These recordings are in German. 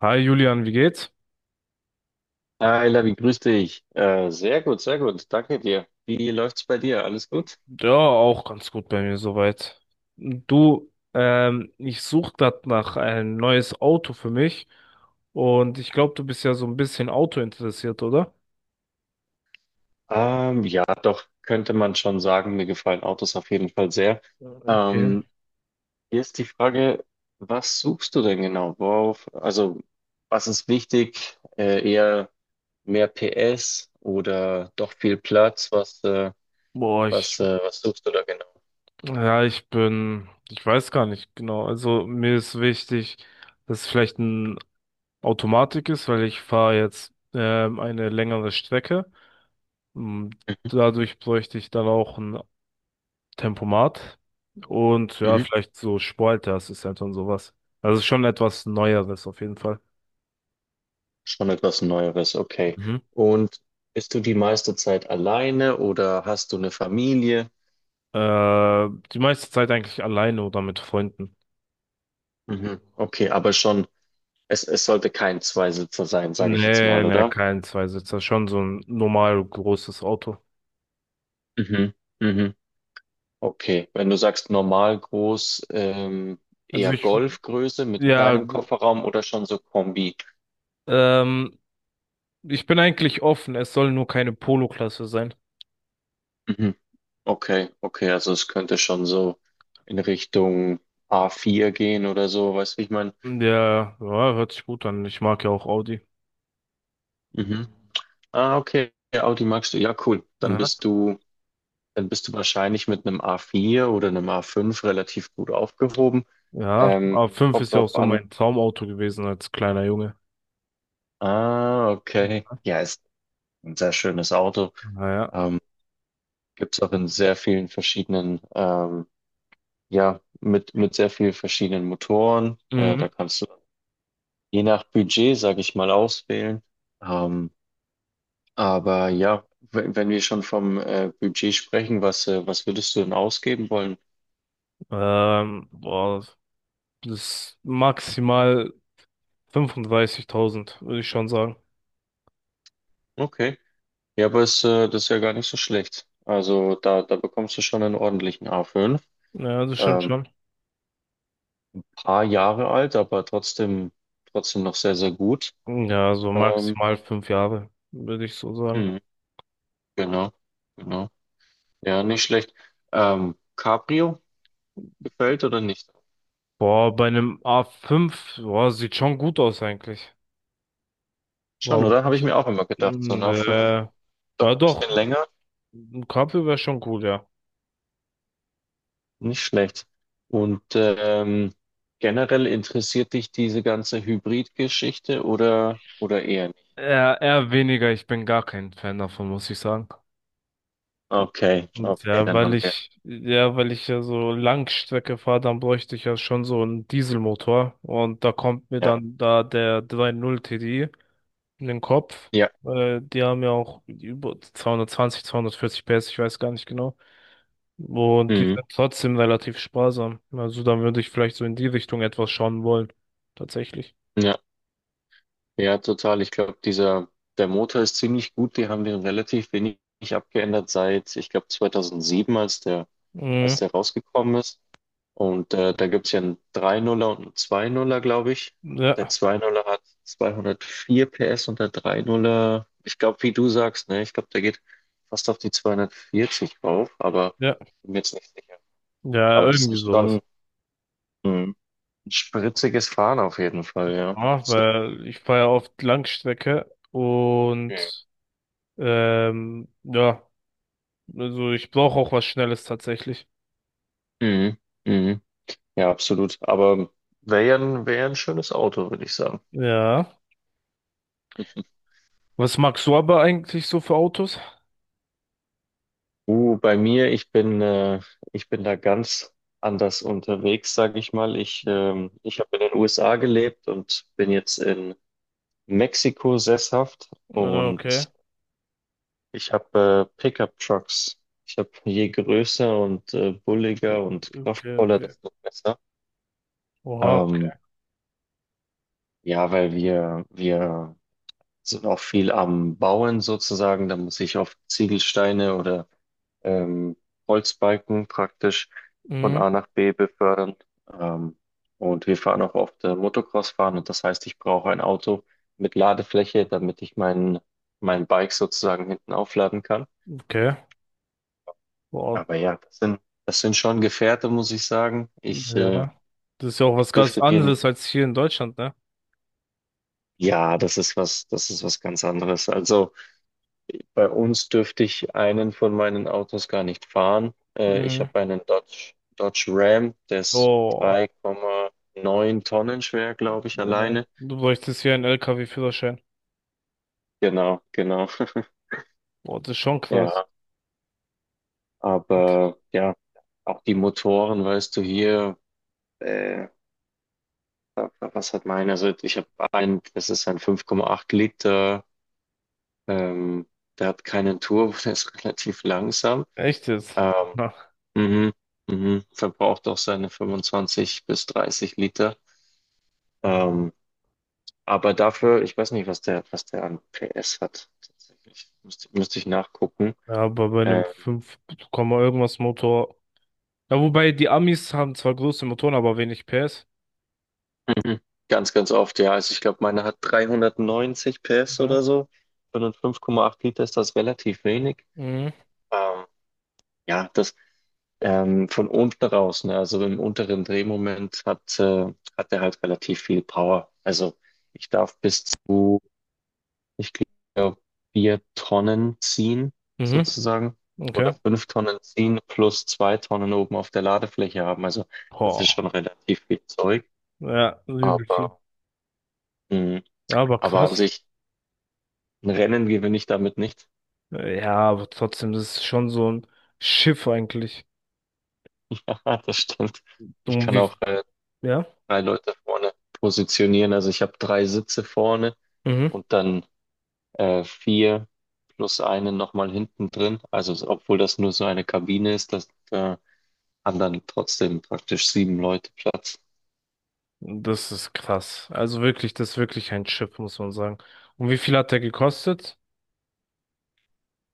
Hi Julian, wie geht's? Hi, Lavi, grüß dich. Sehr gut, sehr gut. Danke dir. Wie läuft's bei dir? Alles gut? Ja, auch ganz gut bei mir soweit. Du, ich suche gerade nach ein neues Auto für mich, und ich glaube, du bist ja so ein bisschen Auto interessiert, oder? Ja, doch, könnte man schon sagen, mir gefallen Autos auf jeden Fall sehr. Okay. Ähm, Hier ist die Frage, was suchst du denn genau? Worauf, also, was ist wichtig? Eher mehr PS oder doch viel Platz? Was, äh, Boah, was, äh, was suchst du da genau? ja, ich weiß gar nicht genau. Also mir ist wichtig, dass es vielleicht ein Automatik ist, weil ich fahre jetzt eine längere Strecke. Mm, Dadurch bräuchte ich dann auch ein Tempomat und ja, Mhm. vielleicht so Sportleisterassistent und sowas. Also schon etwas Neueres auf jeden Fall. Schon etwas Neueres, okay. Mhm. Und bist du die meiste Zeit alleine oder hast du eine Familie? Äh, die meiste Zeit eigentlich alleine oder mit Freunden. Mhm. Okay, aber schon, es sollte kein Zweisitzer sein, sage ich jetzt Nee, mal, nee, oder? kein Zweisitzer, schon so ein normal großes Auto. Mhm. Mhm. Okay, wenn du sagst normal groß, Also eher Golfgröße mit ja, kleinem Kofferraum oder schon so Kombi? ähm, ich bin eigentlich offen, es soll nur keine Polo-Klasse sein. Mhm. Okay, okay, also es könnte schon so in Richtung a vier gehen oder so, weißt du, wie ich meine? Ja, ja, hört sich gut an. Ich mag ja auch Audi. Mhm. Ah, okay, Audi magst du, ja, cool. Aha. Dann bist du wahrscheinlich mit einem A4 oder einem A5 relativ gut aufgehoben. Ja, Ähm, A5 Kommt ist ja auch drauf so an. mein Traumauto gewesen als kleiner Junge. Ah, okay. Ja, ist ein sehr schönes Auto. Naja. Ähm, Gibt es auch in sehr vielen verschiedenen, ja, mit sehr vielen verschiedenen Motoren. Da kannst du je nach Budget, sage ich mal, auswählen. Ähm, aber ja, wenn wir schon vom Budget sprechen, was würdest du denn ausgeben wollen? Boah, das maximal 35.000 würde ich schon sagen. Okay. Ja, aber das ist ja gar nicht so schlecht. Also da bekommst du schon einen ordentlichen A5. Ja, das stimmt Ähm, schon. Paar Jahre alt, aber trotzdem, trotzdem noch sehr, sehr gut. Ja, so Ähm, maximal 5 Jahre, würde ich so sagen. mhm, genau, genau. Ja, nicht schlecht. Cabrio gefällt oder nicht? Boah, bei einem A5, boah, sieht schon gut aus eigentlich. Schon, Warum oder? Habe ich nicht? mir auch immer gedacht. So ein Hm, A5, äh, doch ja ein bisschen doch, länger, ein Cabrio wäre schon cool, ja. nicht schlecht. Und generell interessiert dich diese ganze Hybrid-Geschichte oder eher nicht? Eher, eher weniger, ich bin gar kein Fan davon, muss ich sagen. Okay, Und okay, ja, dann haben wir. Weil ich ja so Langstrecke fahre, dann bräuchte ich ja schon so einen Dieselmotor. Und da kommt mir Ja, dann da der 3.0 TDI in den Kopf. Ja. Die haben ja auch über 220, 240 PS, ich weiß gar nicht genau. Und die Mhm. sind trotzdem relativ sparsam. Also dann würde ich vielleicht so in die Richtung etwas schauen wollen. Tatsächlich. Ja, ja, total. Ich glaube, der Motor ist ziemlich gut. Die haben den relativ wenig abgeändert seit, ich glaube, 2007, als Mhm. der rausgekommen ist. Und da gibt's ja einen drei Nuller und einen zwei Nuller, glaube ich. Der Ja, zwei Nuller er hat 204 PS und der drei Nuller, ich glaube, wie du sagst, ne, ich glaube, der geht fast auf die 240 rauf, aber ja, bin mir jetzt nicht sicher. ja, Aber das irgendwie ist schon sowas. mh, ein spritziges Fahren auf jeden Fall, ja. Ja, weil ich fahre ja oft Langstrecke äh, und ja, also ich brauche auch was Schnelles tatsächlich. Mhm. Mhm. Ja, absolut. Aber wäre ja ein schönes Auto, würde ich sagen. Ja. Was magst du aber eigentlich so für Autos? Bei mir, ich bin da ganz anders unterwegs, sage ich mal. Ich habe in den USA gelebt und bin jetzt in Mexiko sesshaft, Ah, und okay. ich habe Pickup-Trucks. Ich habe, je größer und bulliger und Okay, kraftvoller, okay. desto besser. Oha, Ähm, okay. ja, weil wir sind auch viel am Bauen sozusagen. Da muss ich auf Ziegelsteine oder ähm, Holzbalken praktisch von Mhm, A nach B befördern. Ähm, und wir fahren auch oft Motocross fahren, und das heißt, ich brauche ein Auto mit Ladefläche, damit ich mein Bike sozusagen hinten aufladen kann. okay. Boah, Aber ja, das sind schon Gefährte, muss ich sagen. Ja. Das ist ja auch ich was ganz dürfte dir, anderes als hier in Deutschland, ne? ja, das ist was ganz anderes. Also, bei uns dürfte ich einen von meinen Autos gar nicht fahren. Ich Mhm. habe einen Dodge Ram, der ist Oh, 3,9 Tonnen schwer, glaube ich, alleine. du bräuchtest hier einen LKW-Führerschein. Genau, genau. Boah, das ist schon krass. Ja, aber ja, auch die Motoren, weißt du, hier, äh, was hat meiner? Also das ist ein 5,8 Liter, ähm, der hat keinen Turbo, der ist relativ langsam. Echt jetzt? Ähm, Na, mhm, mhm, verbraucht auch seine 25 bis 30 Liter. Ähm, aber dafür, ich weiß nicht, was der an PS hat. Tatsächlich. Müsste ich nachgucken. ja, aber bei einem Ähm, fünf Komma irgendwas Motor. Ja, wobei die Amis haben zwar große Motoren, aber wenig PS. mhm. Ganz, ganz oft, ja. Also ich glaube, meine hat 390 PS oder Ja. so. Für einen 5,8 Liter ist das relativ wenig. Mhm. Ähm, ja, das von unten raus, ne? Also im unteren Drehmoment hat er halt relativ viel Power. Also ich darf bis zu, ich glaube, 4 Tonnen ziehen Mhm. sozusagen oder Okay. 5 Tonnen ziehen plus 2 Tonnen oben auf der Ladefläche haben. Also das ist Boah. schon relativ viel Zeug, Ja, übel viel. aber, mh, Ja, aber aber an krass. sich ein Rennen gewinne ich damit nicht. Ja, aber trotzdem, das ist schon so ein Schiff eigentlich. Ja, das stimmt. Ich Und kann wie, auch ja? drei Leute vorne positionieren. Also ich habe drei Sitze vorne Mhm. und dann vier plus einen nochmal hinten drin. Also obwohl das nur so eine Kabine ist, das haben dann trotzdem praktisch sieben Leute Platz. Das ist krass. Also wirklich, das ist wirklich ein Schiff, muss man sagen. Und wie viel hat der gekostet?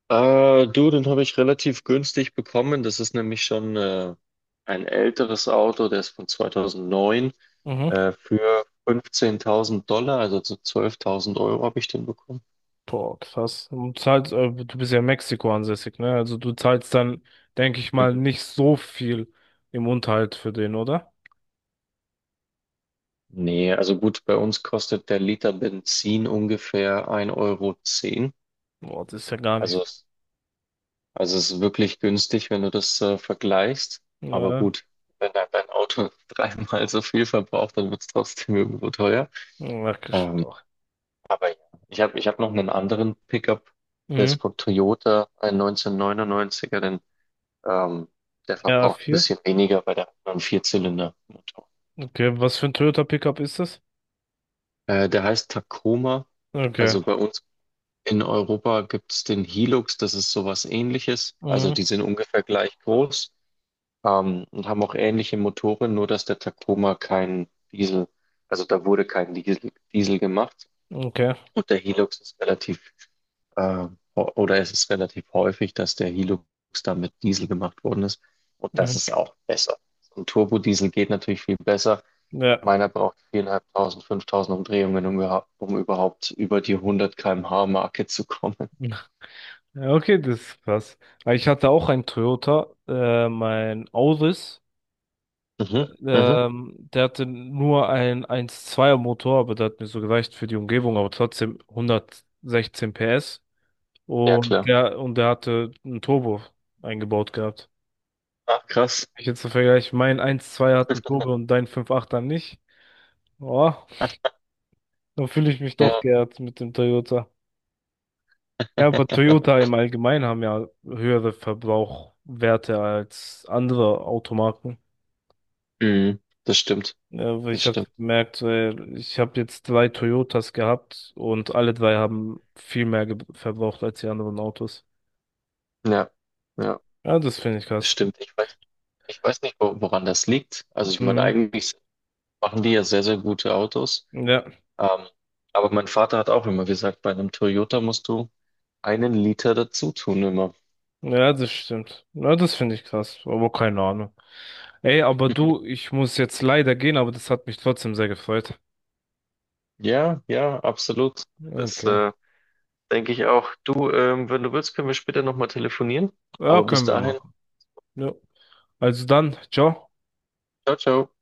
Du, den habe ich relativ günstig bekommen. Das ist nämlich schon ein älteres Auto, der ist von 2009, Mhm. Für 15.000 Dollar, also zu 12.000 € habe ich den bekommen. Boah, krass. Du bist ja in Mexiko ansässig, ne? Also du zahlst dann, denke ich Hm. mal, nicht so viel im Unterhalt für den, oder? Nee, also gut, bei uns kostet der Liter Benzin ungefähr ein Euro zehn. Boah, das ist ja gar Also, nicht. Also es ist wirklich günstig, wenn du das vergleichst. Aber Ja, gut, wenn dein Auto dreimal so viel verbraucht, dann wird es trotzdem irgendwo teuer. ja, Ähm, doch. aber ja, ich hab noch einen anderen Pickup, der Mhm. ist von Toyota, ein 1999er, denn ähm, der Ra verbraucht ein vier, bisschen weniger bei der anderen Vierzylinder-Motor. okay, was für ein Toyota Pickup ist das? Der heißt Tacoma. Okay. Also bei uns in Europa gibt es den Hilux, das ist sowas ähnliches. Also Mhm. die sind ungefähr gleich groß, und haben auch ähnliche Motoren, nur dass der Tacoma kein Diesel, also da wurde kein Diesel gemacht. Okay. Gut, der Hilux ist äh, oder es ist relativ häufig, dass der Hilux da mit Diesel gemacht worden ist. Und das Mhm. ist auch besser. So ein Turbodiesel geht natürlich viel besser. Ja. Meiner braucht 4.500, 5.000 Umdrehungen, um überhaupt über die 100 km/h Marke zu kommen. Ja, okay, das ist krass. Weil ich hatte auch einen Toyota, mein Auris. Mhm, mhm. Der hatte nur einen 1.2er Motor, aber der hat mir so gereicht für die Umgebung, aber trotzdem 116 PS. Ja, Und klar. der, und der hatte einen Turbo eingebaut gehabt. Ach, krass. Ich jetzt so vergleiche, mein 12 zwei hat einen Turbo und dein 5.8er nicht. Boah, dann fühle ich mich doch Ja. geehrt mit dem Toyota. Ja, aber Toyota im Allgemeinen haben ja höhere Verbrauchwerte als andere Automarken. Mhm. Das stimmt. Ja, weil Das ich habe stimmt. gemerkt, ich habe jetzt drei Toyotas gehabt und alle drei haben viel mehr verbraucht als die anderen Autos. Ja, ja, Ja, das finde ich das krass. stimmt. Ich weiß nicht, woran das liegt. Also ich meine, Mhm. eigentlich machen die ja sehr, sehr gute Autos. Ja, Ähm, aber mein Vater hat auch immer gesagt, bei einem Toyota musst du einen Liter dazu tun immer. ja, das stimmt. Ja, das finde ich krass, aber keine Ahnung. Ey, aber du, ich muss jetzt leider gehen, aber das hat mich trotzdem sehr gefreut. Ja, ja, absolut. Das Okay. Denke ich auch. Du, wenn du willst, können wir später nochmal telefonieren. Ja, Aber bis können wir dahin, machen. Ja. Also dann, ciao. ciao, ciao.